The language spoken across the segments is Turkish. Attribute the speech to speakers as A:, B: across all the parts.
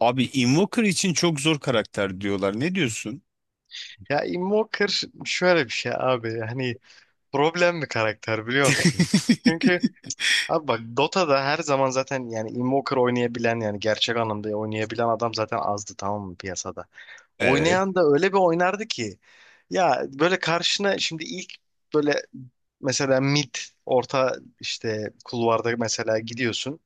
A: Abi Invoker için çok zor karakter diyorlar. Ne diyorsun?
B: Ya Invoker şöyle bir şey abi. Hani problem bir karakter biliyor musun? Çünkü abi bak Dota'da her zaman zaten yani Invoker oynayabilen yani gerçek anlamda oynayabilen adam zaten azdı tamam mı piyasada.
A: Evet,
B: Oynayan da öyle bir oynardı ki ya böyle karşına şimdi ilk böyle mesela mid orta işte kulvarda mesela gidiyorsun.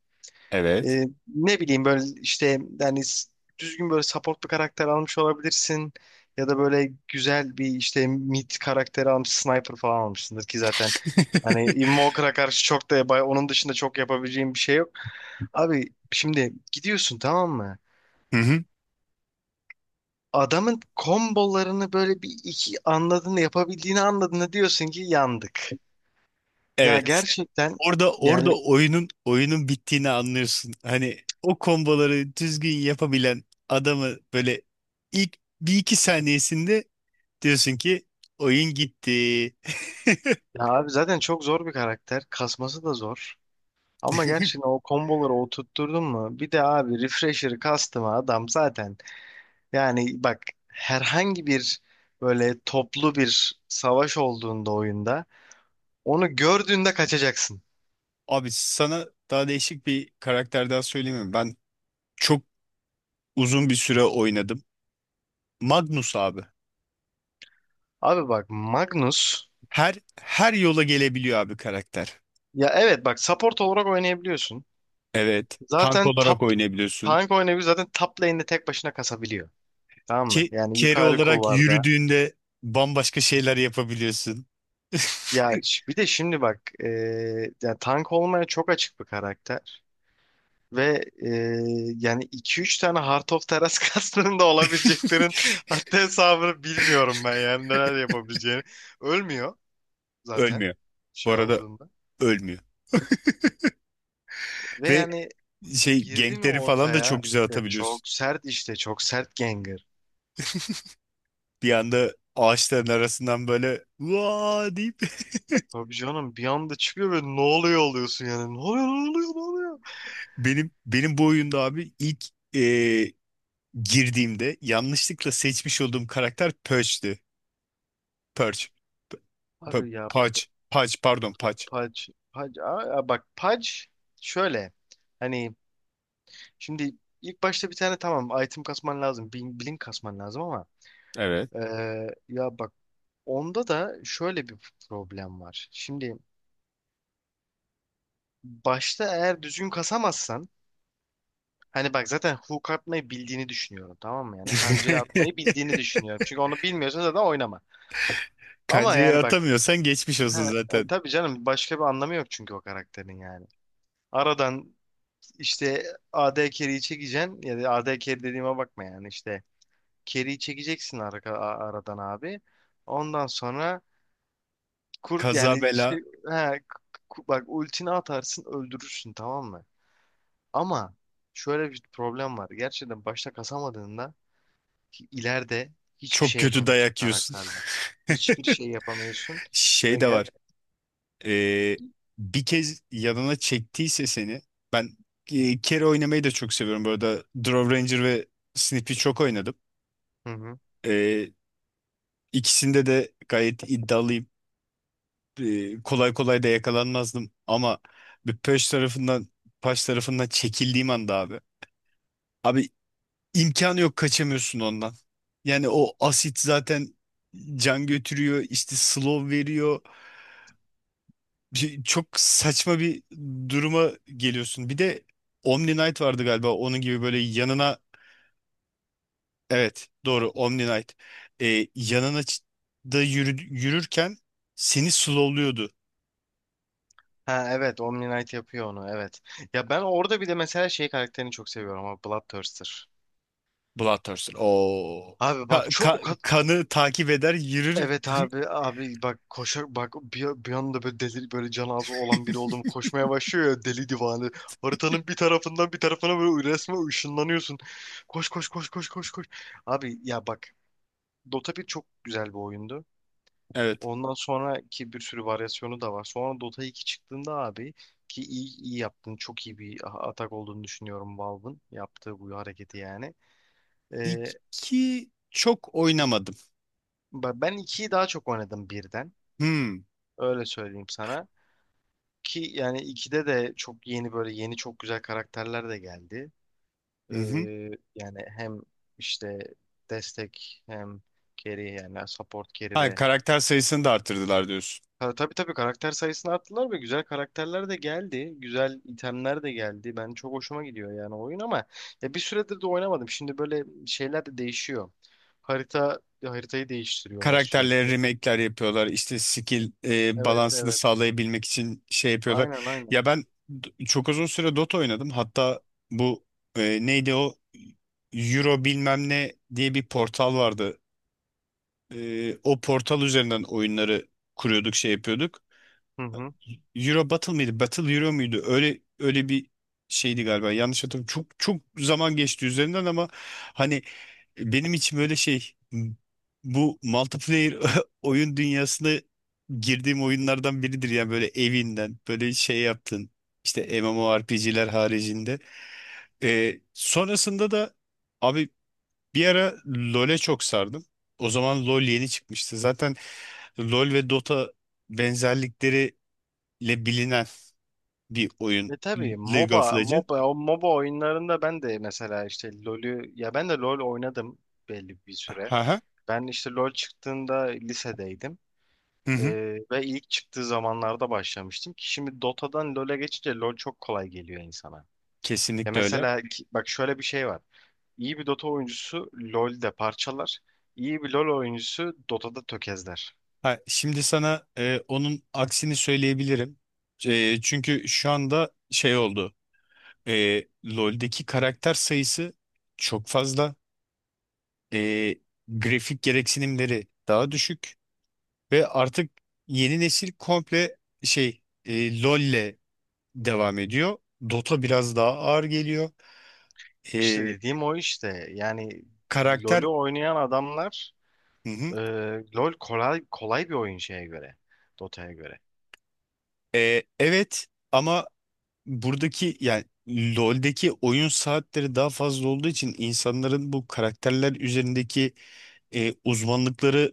A: evet.
B: Ne bileyim böyle işte yani düzgün böyle support bir karakter almış olabilirsin ya da böyle güzel bir işte mid karakteri almış sniper falan almışsındır ki zaten hani Invoker'a karşı çok da onun dışında çok yapabileceğim bir şey yok. Abi şimdi gidiyorsun tamam mı?
A: Hı hı.
B: Adamın kombolarını böyle bir iki anladın yapabildiğini anladığında diyorsun ki yandık. Ya
A: Evet.
B: gerçekten
A: Orada
B: yani
A: oyunun bittiğini anlıyorsun. Hani o komboları düzgün yapabilen adamı böyle ilk bir iki saniyesinde diyorsun ki oyun gitti.
B: ya abi zaten çok zor bir karakter. Kasması da zor. Ama gerçekten o komboları oturtturdun mu? Bir de abi refresher'ı kastım adam zaten. Yani bak herhangi bir böyle toplu bir savaş olduğunda oyunda onu gördüğünde kaçacaksın.
A: Abi sana daha değişik bir karakter daha söyleyeyim mi? Ben çok uzun bir süre oynadım. Magnus abi.
B: Abi bak Magnus
A: Her her yola gelebiliyor abi karakter.
B: ya evet bak support olarak oynayabiliyorsun.
A: Evet. Tank
B: Zaten
A: olarak
B: top
A: oynayabiliyorsun.
B: tank oynayabiliyor zaten top lane'de tek başına kasabiliyor. Tamam mı? Yani
A: Carry
B: yukarı
A: olarak
B: kulvarda.
A: yürüdüğünde bambaşka şeyler yapabiliyorsun.
B: Ya bir de şimdi bak ya tank olmaya çok açık bir karakter. Ve yani iki üç tane Heart of Teras kastının da olabileceklerin hatta hesabını bilmiyorum ben yani neler yapabileceğini. Ölmüyor zaten
A: Ölmüyor. Bu
B: şey
A: arada
B: olduğunda.
A: ölmüyor.
B: Ve
A: Ve
B: yani
A: şey
B: girdi mi
A: gankleri falan da
B: ortaya
A: çok güzel atabiliyorsun.
B: çok sert işte çok sert Gengar.
A: Bir anda ağaçların arasından böyle vaa deyip
B: Abi canım bir anda çıkıyor ve ne oluyor oluyorsun yani ne oluyor ne oluyor ne oluyor.
A: benim bu oyunda abi ilk e, girdiğimde yanlışlıkla seçmiş olduğum karakter Perch'ti. Perch. P-
B: Abi
A: P-
B: ya
A: Patch. Patch pardon Patch.
B: Pudge, Pudge bak Pudge şöyle hani şimdi ilk başta bir tane tamam item kasman lazım blink, blink kasman lazım ama
A: Evet.
B: Ya bak onda da şöyle bir problem var. Şimdi başta eğer düzgün kasamazsan hani bak zaten hook atmayı bildiğini düşünüyorum tamam mı? Yani kancayı atmayı bildiğini düşünüyorum. Çünkü onu bilmiyorsan zaten oynama. Ama
A: Kancayı
B: yani bak
A: atamıyorsan geçmiş
B: he,
A: olsun zaten.
B: tabii canım başka bir anlamı yok çünkü o karakterin yani. Aradan işte AD carry'i çekeceksin ya da AD carry dediğime bakma yani işte carry'i çekeceksin ara, aradan abi. Ondan sonra Kur,
A: Kaza
B: yani işte
A: bela
B: he, bak ultini atarsın öldürürsün tamam mı? Ama şöyle bir problem var. Gerçekten başta kasamadığında ki ileride hiçbir
A: çok
B: şey
A: kötü
B: yapamıyorsun
A: dayak yiyorsun.
B: karakterle. Hiçbir şey yapamıyorsun
A: Şey
B: ve
A: de
B: gel.
A: var. e, Bir kez yanına çektiyse seni ben kere oynamayı da çok seviyorum. Bu arada Draw Ranger ve Snippy çok oynadım.
B: Hı hı.
A: E, ikisinde de gayet iddialıyım. Kolay kolay da yakalanmazdım ama bir Pöş tarafından Paş tarafından çekildiğim anda abi. Abi İmkanı yok kaçamıyorsun ondan. Yani o asit zaten can götürüyor, işte slow veriyor. Çok saçma bir duruma geliyorsun. Bir de Omni Knight vardı galiba onun gibi böyle yanına evet doğru Omni Knight. Yanına da yürü, yürürken seni slowluyordu.
B: Ha evet Omni Knight yapıyor onu evet. Ya ben orada bir de mesela şey karakterini çok seviyorum ama Bloodthirster.
A: Bloodthirster. Oo.
B: Abi bak çok.
A: Kanı takip eder yürür.
B: Evet abi abi bak koşar bak bir anda böyle deli böyle can ağzı olan biri oldum koşmaya başlıyor ya deli divane. Haritanın bir tarafından bir tarafına böyle resmen ışınlanıyorsun. Koş koş koş koş koş koş. Abi ya bak Dota bir çok güzel bir oyundu.
A: Evet.
B: Ondan sonraki bir sürü varyasyonu da var. Sonra Dota iki çıktığında abi ki iyi yaptın. Çok iyi bir atak olduğunu düşünüyorum Valve'ın yaptığı bu hareketi yani. Ee,
A: İki çok oynamadım.
B: ben ikiyi daha çok oynadım birden.
A: Hmm.
B: Öyle söyleyeyim sana. Ki yani 2'de de çok yeni böyle yeni çok güzel karakterler de geldi. Ee, yani hem işte destek hem carry yani support carry
A: Ha,
B: ve.
A: karakter sayısını da arttırdılar diyorsun.
B: Ha, tabii tabii karakter sayısını arttırdılar ve güzel karakterler de geldi. Güzel itemler de geldi. Ben çok hoşuma gidiyor yani oyun ama ya bir süredir de oynamadım. Şimdi böyle şeyler de değişiyor. Harita haritayı değiştiriyorlar
A: Karakterlere
B: sürekli.
A: remake'ler yapıyorlar. İşte skill
B: Evet
A: balansını
B: evet.
A: sağlayabilmek için şey yapıyorlar.
B: Aynen aynen.
A: Ya ben çok uzun süre Dota oynadım. Hatta bu neydi o Euro bilmem ne diye bir portal vardı. O portal üzerinden oyunları kuruyorduk, şey yapıyorduk.
B: Hı hı.
A: Euro Battle mıydı? Battle Euro muydu? Öyle öyle bir şeydi galiba. Yanlış hatırlamıyorum. Çok çok zaman geçti üzerinden ama hani benim için böyle şey bu multiplayer oyun dünyasına girdiğim oyunlardan biridir yani böyle evinden böyle şey yaptın işte MMORPG'ler haricinde. Sonrasında da abi bir ara LoL'e çok sardım. O zaman LoL yeni çıkmıştı zaten. LoL ve Dota benzerlikleriyle bilinen bir oyun.
B: Ve tabii
A: League of
B: MOBA,
A: Legends.
B: MOBA, o MOBA oyunlarında ben de mesela işte LoL'ü, ya ben de LoL oynadım belli bir süre.
A: Haha.
B: Ben işte LoL çıktığında lisedeydim.
A: Hı hı.
B: Ve ilk çıktığı zamanlarda başlamıştım ki şimdi Dota'dan LoL'e geçince LoL çok kolay geliyor insana. Ya
A: Kesinlikle öyle.
B: mesela bak şöyle bir şey var. İyi bir Dota oyuncusu LoL'de parçalar, iyi bir LoL oyuncusu Dota'da tökezler.
A: Ha, şimdi sana onun aksini söyleyebilirim. Çünkü şu anda şey oldu. LoL'deki karakter sayısı çok fazla. E, Grafik gereksinimleri daha düşük ve artık yeni nesil komple şey LoL'le devam ediyor. Dota biraz daha ağır geliyor.
B: İşte
A: E,
B: dediğim o işte. Yani
A: Karakter.
B: LoL'ü oynayan adamlar.
A: Hı hı.
B: Ee, LoL kolay kolay bir oyun şeye göre. Dota'ya göre.
A: Evet ama buradaki yani LoL'deki oyun saatleri daha fazla olduğu için insanların bu karakterler üzerindeki uzmanlıkları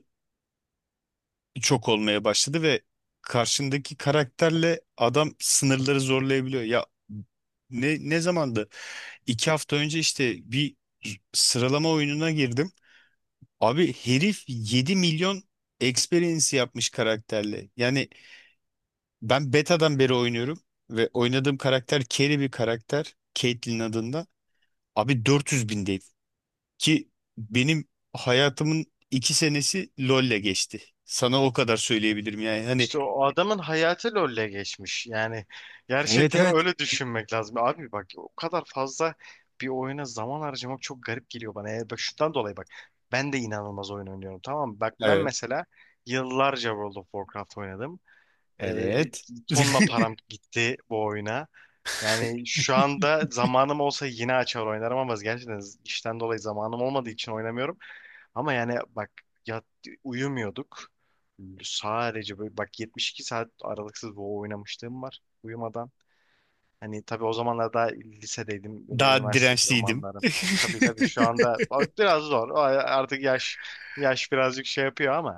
A: çok olmaya başladı ve karşındaki karakterle adam sınırları zorlayabiliyor. Ya ne zamandı? 2 hafta önce işte bir sıralama oyununa girdim. Abi herif 7 milyon experience yapmış karakterle. Yani ben beta'dan beri oynuyorum ve oynadığım karakter carry bir karakter. Caitlyn adında. Abi 400 bindeydi ki benim hayatımın 2 senesi LoL'le geçti. Sana o kadar söyleyebilirim yani. Hani.
B: İşte o adamın hayatı LoL'le geçmiş. Yani
A: Evet,
B: gerçekten
A: evet.
B: öyle düşünmek lazım. Abi bak o kadar fazla bir oyuna zaman harcamak çok garip geliyor bana. Yani bak şundan dolayı bak. Ben de inanılmaz oyun oynuyorum tamam mı? Bak ben
A: Evet.
B: mesela yıllarca World of Warcraft oynadım. Ee,
A: Evet.
B: tonla param gitti bu oyuna. Yani şu anda zamanım olsa yine açar oynarım ama gerçekten işten dolayı zamanım olmadığı için oynamıyorum. Ama yani bak yat, uyumuyorduk. Sadece böyle bak 72 saat aralıksız WoW oynamışlığım var uyumadan. Hani tabii o zamanlar daha lisedeydim ve
A: Daha
B: üniversite
A: dirençliydim.
B: romanlarım. Tabii tabii şu anda biraz zor. O artık yaş yaş birazcık şey yapıyor ama.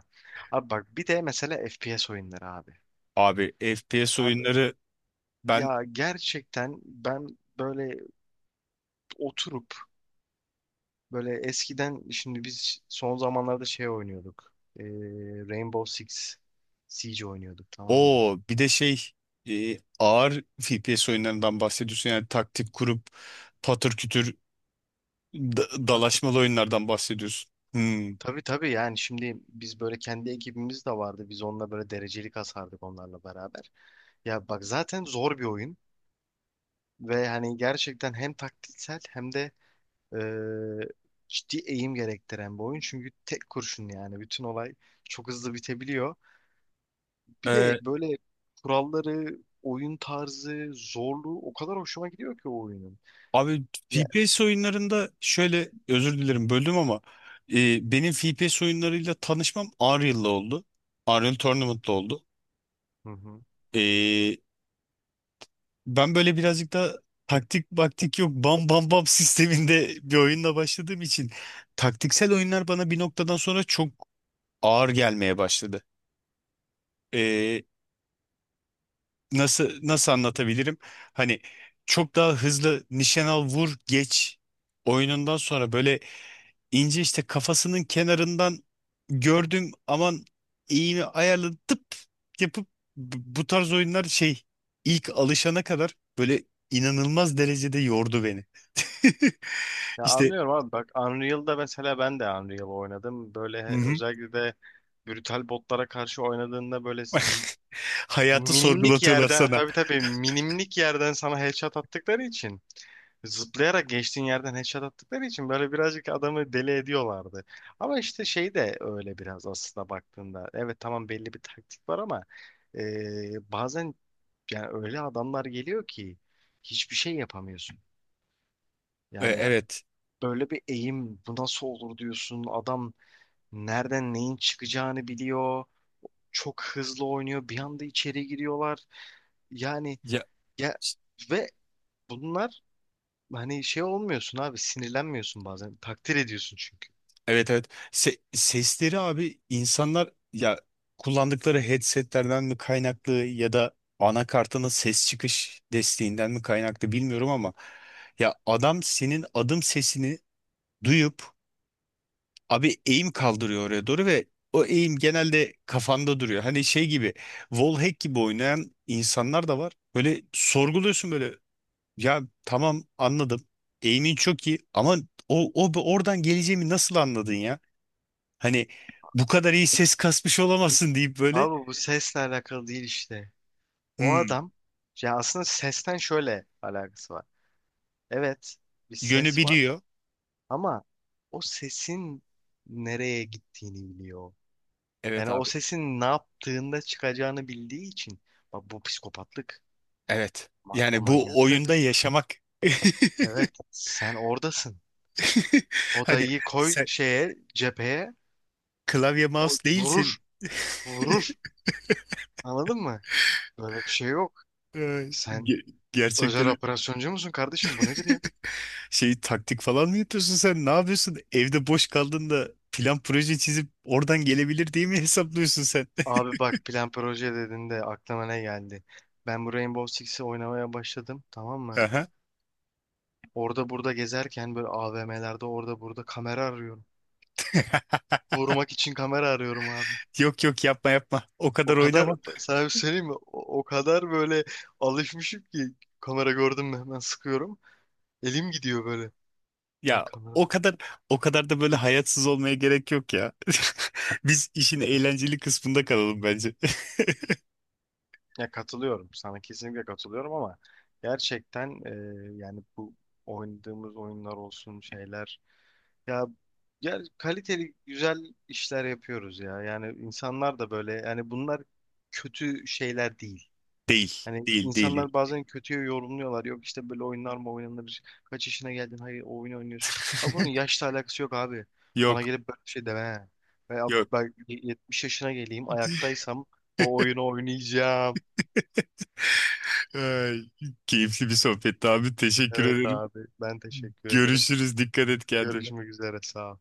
B: Abi bak bir de mesela FPS oyunları abi.
A: Abi FPS
B: Abi
A: oyunları ben
B: ya gerçekten ben böyle oturup böyle eskiden şimdi biz son zamanlarda şey oynuyorduk. Ee, Rainbow Six Siege oynuyorduk tamam mı?
A: o bir de şey ağır FPS oyunlarından bahsediyorsun yani taktik kurup patır kütür
B: Ta
A: dalaşmalı oyunlardan bahsediyorsun. Hmm.
B: tabii tabii yani şimdi biz böyle kendi ekibimiz de vardı. Biz onunla böyle derecelik kasardık onlarla beraber. Ya bak zaten zor bir oyun ve hani gerçekten hem taktiksel hem de e, ciddi eğim gerektiren bir oyun. Çünkü tek kurşun yani bütün olay çok hızlı bitebiliyor. Bir de böyle kuralları, oyun tarzı, zorluğu o kadar hoşuma gidiyor ki o oyunun.
A: Abi
B: Ya,
A: FPS oyunlarında şöyle özür dilerim böldüm ama benim FPS oyunlarıyla tanışmam Unreal'la oldu. Unreal Tournament'la oldu.
B: hı hı.
A: E, Ben böyle birazcık da taktik baktik yok bam bam bam sisteminde bir oyunla başladığım için taktiksel oyunlar bana bir noktadan sonra çok ağır gelmeye başladı. E, nasıl anlatabilirim? Hani çok daha hızlı nişan al vur geç oyunundan sonra böyle İnce işte kafasının kenarından gördüm aman iğne ayarlı tıp yapıp bu tarz oyunlar şey ilk alışana kadar böyle inanılmaz derecede yordu beni.
B: Ya
A: İşte
B: anlıyorum abi bak Unreal'da mesela ben de Unreal oynadım.
A: hı
B: Böyle
A: hı,
B: özellikle de brutal botlara karşı oynadığında böyle
A: hayatı
B: minimlik
A: sorgulatıyorlar
B: yerden
A: sana.
B: tabii tabii minimlik yerden sana headshot attıkları için zıplayarak geçtiğin yerden headshot attıkları için böyle birazcık adamı deli ediyorlardı. Ama işte şey de öyle biraz aslında baktığında. Evet tamam belli bir taktik var ama bazen yani öyle adamlar geliyor ki hiçbir şey yapamıyorsun. Yani
A: Evet.
B: böyle bir eğim bu nasıl olur diyorsun. Adam nereden neyin çıkacağını biliyor. Çok hızlı oynuyor. Bir anda içeri giriyorlar. Yani
A: Ya
B: ya ve bunlar hani şey olmuyorsun abi sinirlenmiyorsun bazen. Takdir ediyorsun çünkü.
A: evet, evet. Sesleri abi insanlar ya kullandıkları headsetlerden mi kaynaklı ya da anakartının ses çıkış desteğinden mi kaynaklı bilmiyorum ama ya adam senin adım sesini duyup abi eğim kaldırıyor oraya doğru ve o eğim genelde kafanda duruyor. Hani şey gibi wallhack gibi oynayan insanlar da var. Böyle sorguluyorsun böyle ya tamam anladım. Eğimin çok iyi ama o oradan geleceğimi nasıl anladın ya? Hani bu kadar iyi ses kasmış olamazsın deyip böyle
B: Abi bu sesle alakalı değil işte. O
A: hmm,
B: adam ya aslında sesten şöyle alakası var. Evet bir
A: yönü
B: ses var
A: biliyor.
B: ama o sesin nereye gittiğini biliyor.
A: Evet
B: Yani o
A: abi.
B: sesin ne yaptığında çıkacağını bildiği için bak bu psikopatlık,
A: Evet.
B: bu
A: Yani bu oyunda
B: manyaklık.
A: yaşamak.
B: Evet sen oradasın.
A: Hani
B: Odayı koy
A: sen
B: şeye cepheye
A: klavye
B: o
A: mouse
B: vurur
A: değilsin.
B: vurur. Anladın mı? Böyle bir şey yok. Sen
A: Gerçekten
B: özel operasyoncu musun kardeşim? Bu nedir ya?
A: şey taktik falan mı yapıyorsun sen? Ne yapıyorsun? Evde boş kaldığında plan proje çizip oradan gelebilir diye mi hesaplıyorsun sen?
B: Abi bak plan proje dediğinde aklıma ne geldi? Ben bu Rainbow Six'i oynamaya başladım tamam mı?
A: Aha.
B: Orada burada gezerken böyle AVM'lerde orada burada kamera arıyorum. Vurmak için kamera arıyorum abi.
A: Yok yok, yapma yapma. O
B: O
A: kadar
B: kadar
A: oynama.
B: sana bir şey söyleyeyim mi? O kadar böyle alışmışım ki kamera gördüm mü hemen sıkıyorum. Elim gidiyor böyle. Lan
A: Ya
B: kamera.
A: o kadar o kadar da böyle hayatsız olmaya gerek yok ya. Biz işin eğlenceli kısmında kalalım bence.
B: Ya katılıyorum sana kesinlikle katılıyorum ama gerçekten yani bu oynadığımız oyunlar olsun şeyler ya ya kaliteli güzel işler yapıyoruz ya yani insanlar da böyle yani bunlar kötü şeyler değil.
A: Değil,
B: Hani
A: değil, değil. Değil.
B: insanlar bazen kötüye yorumluyorlar. Yok işte böyle oyunlar mı oynanır? Kaç yaşına geldin? Hayır o oyunu oynuyorsun. Ha bunun yaşla alakası yok abi. Bana
A: Yok,
B: gelip böyle bir şey deme. Veya
A: yok.
B: ben 70 yaşına geleyim ayaktaysam o oyunu oynayacağım.
A: Ay, keyifli bir sohbetti abi. Teşekkür
B: Evet
A: ederim.
B: abi ben teşekkür ederim.
A: Görüşürüz. Dikkat et kendine.
B: Görüşmek üzere sağ ol.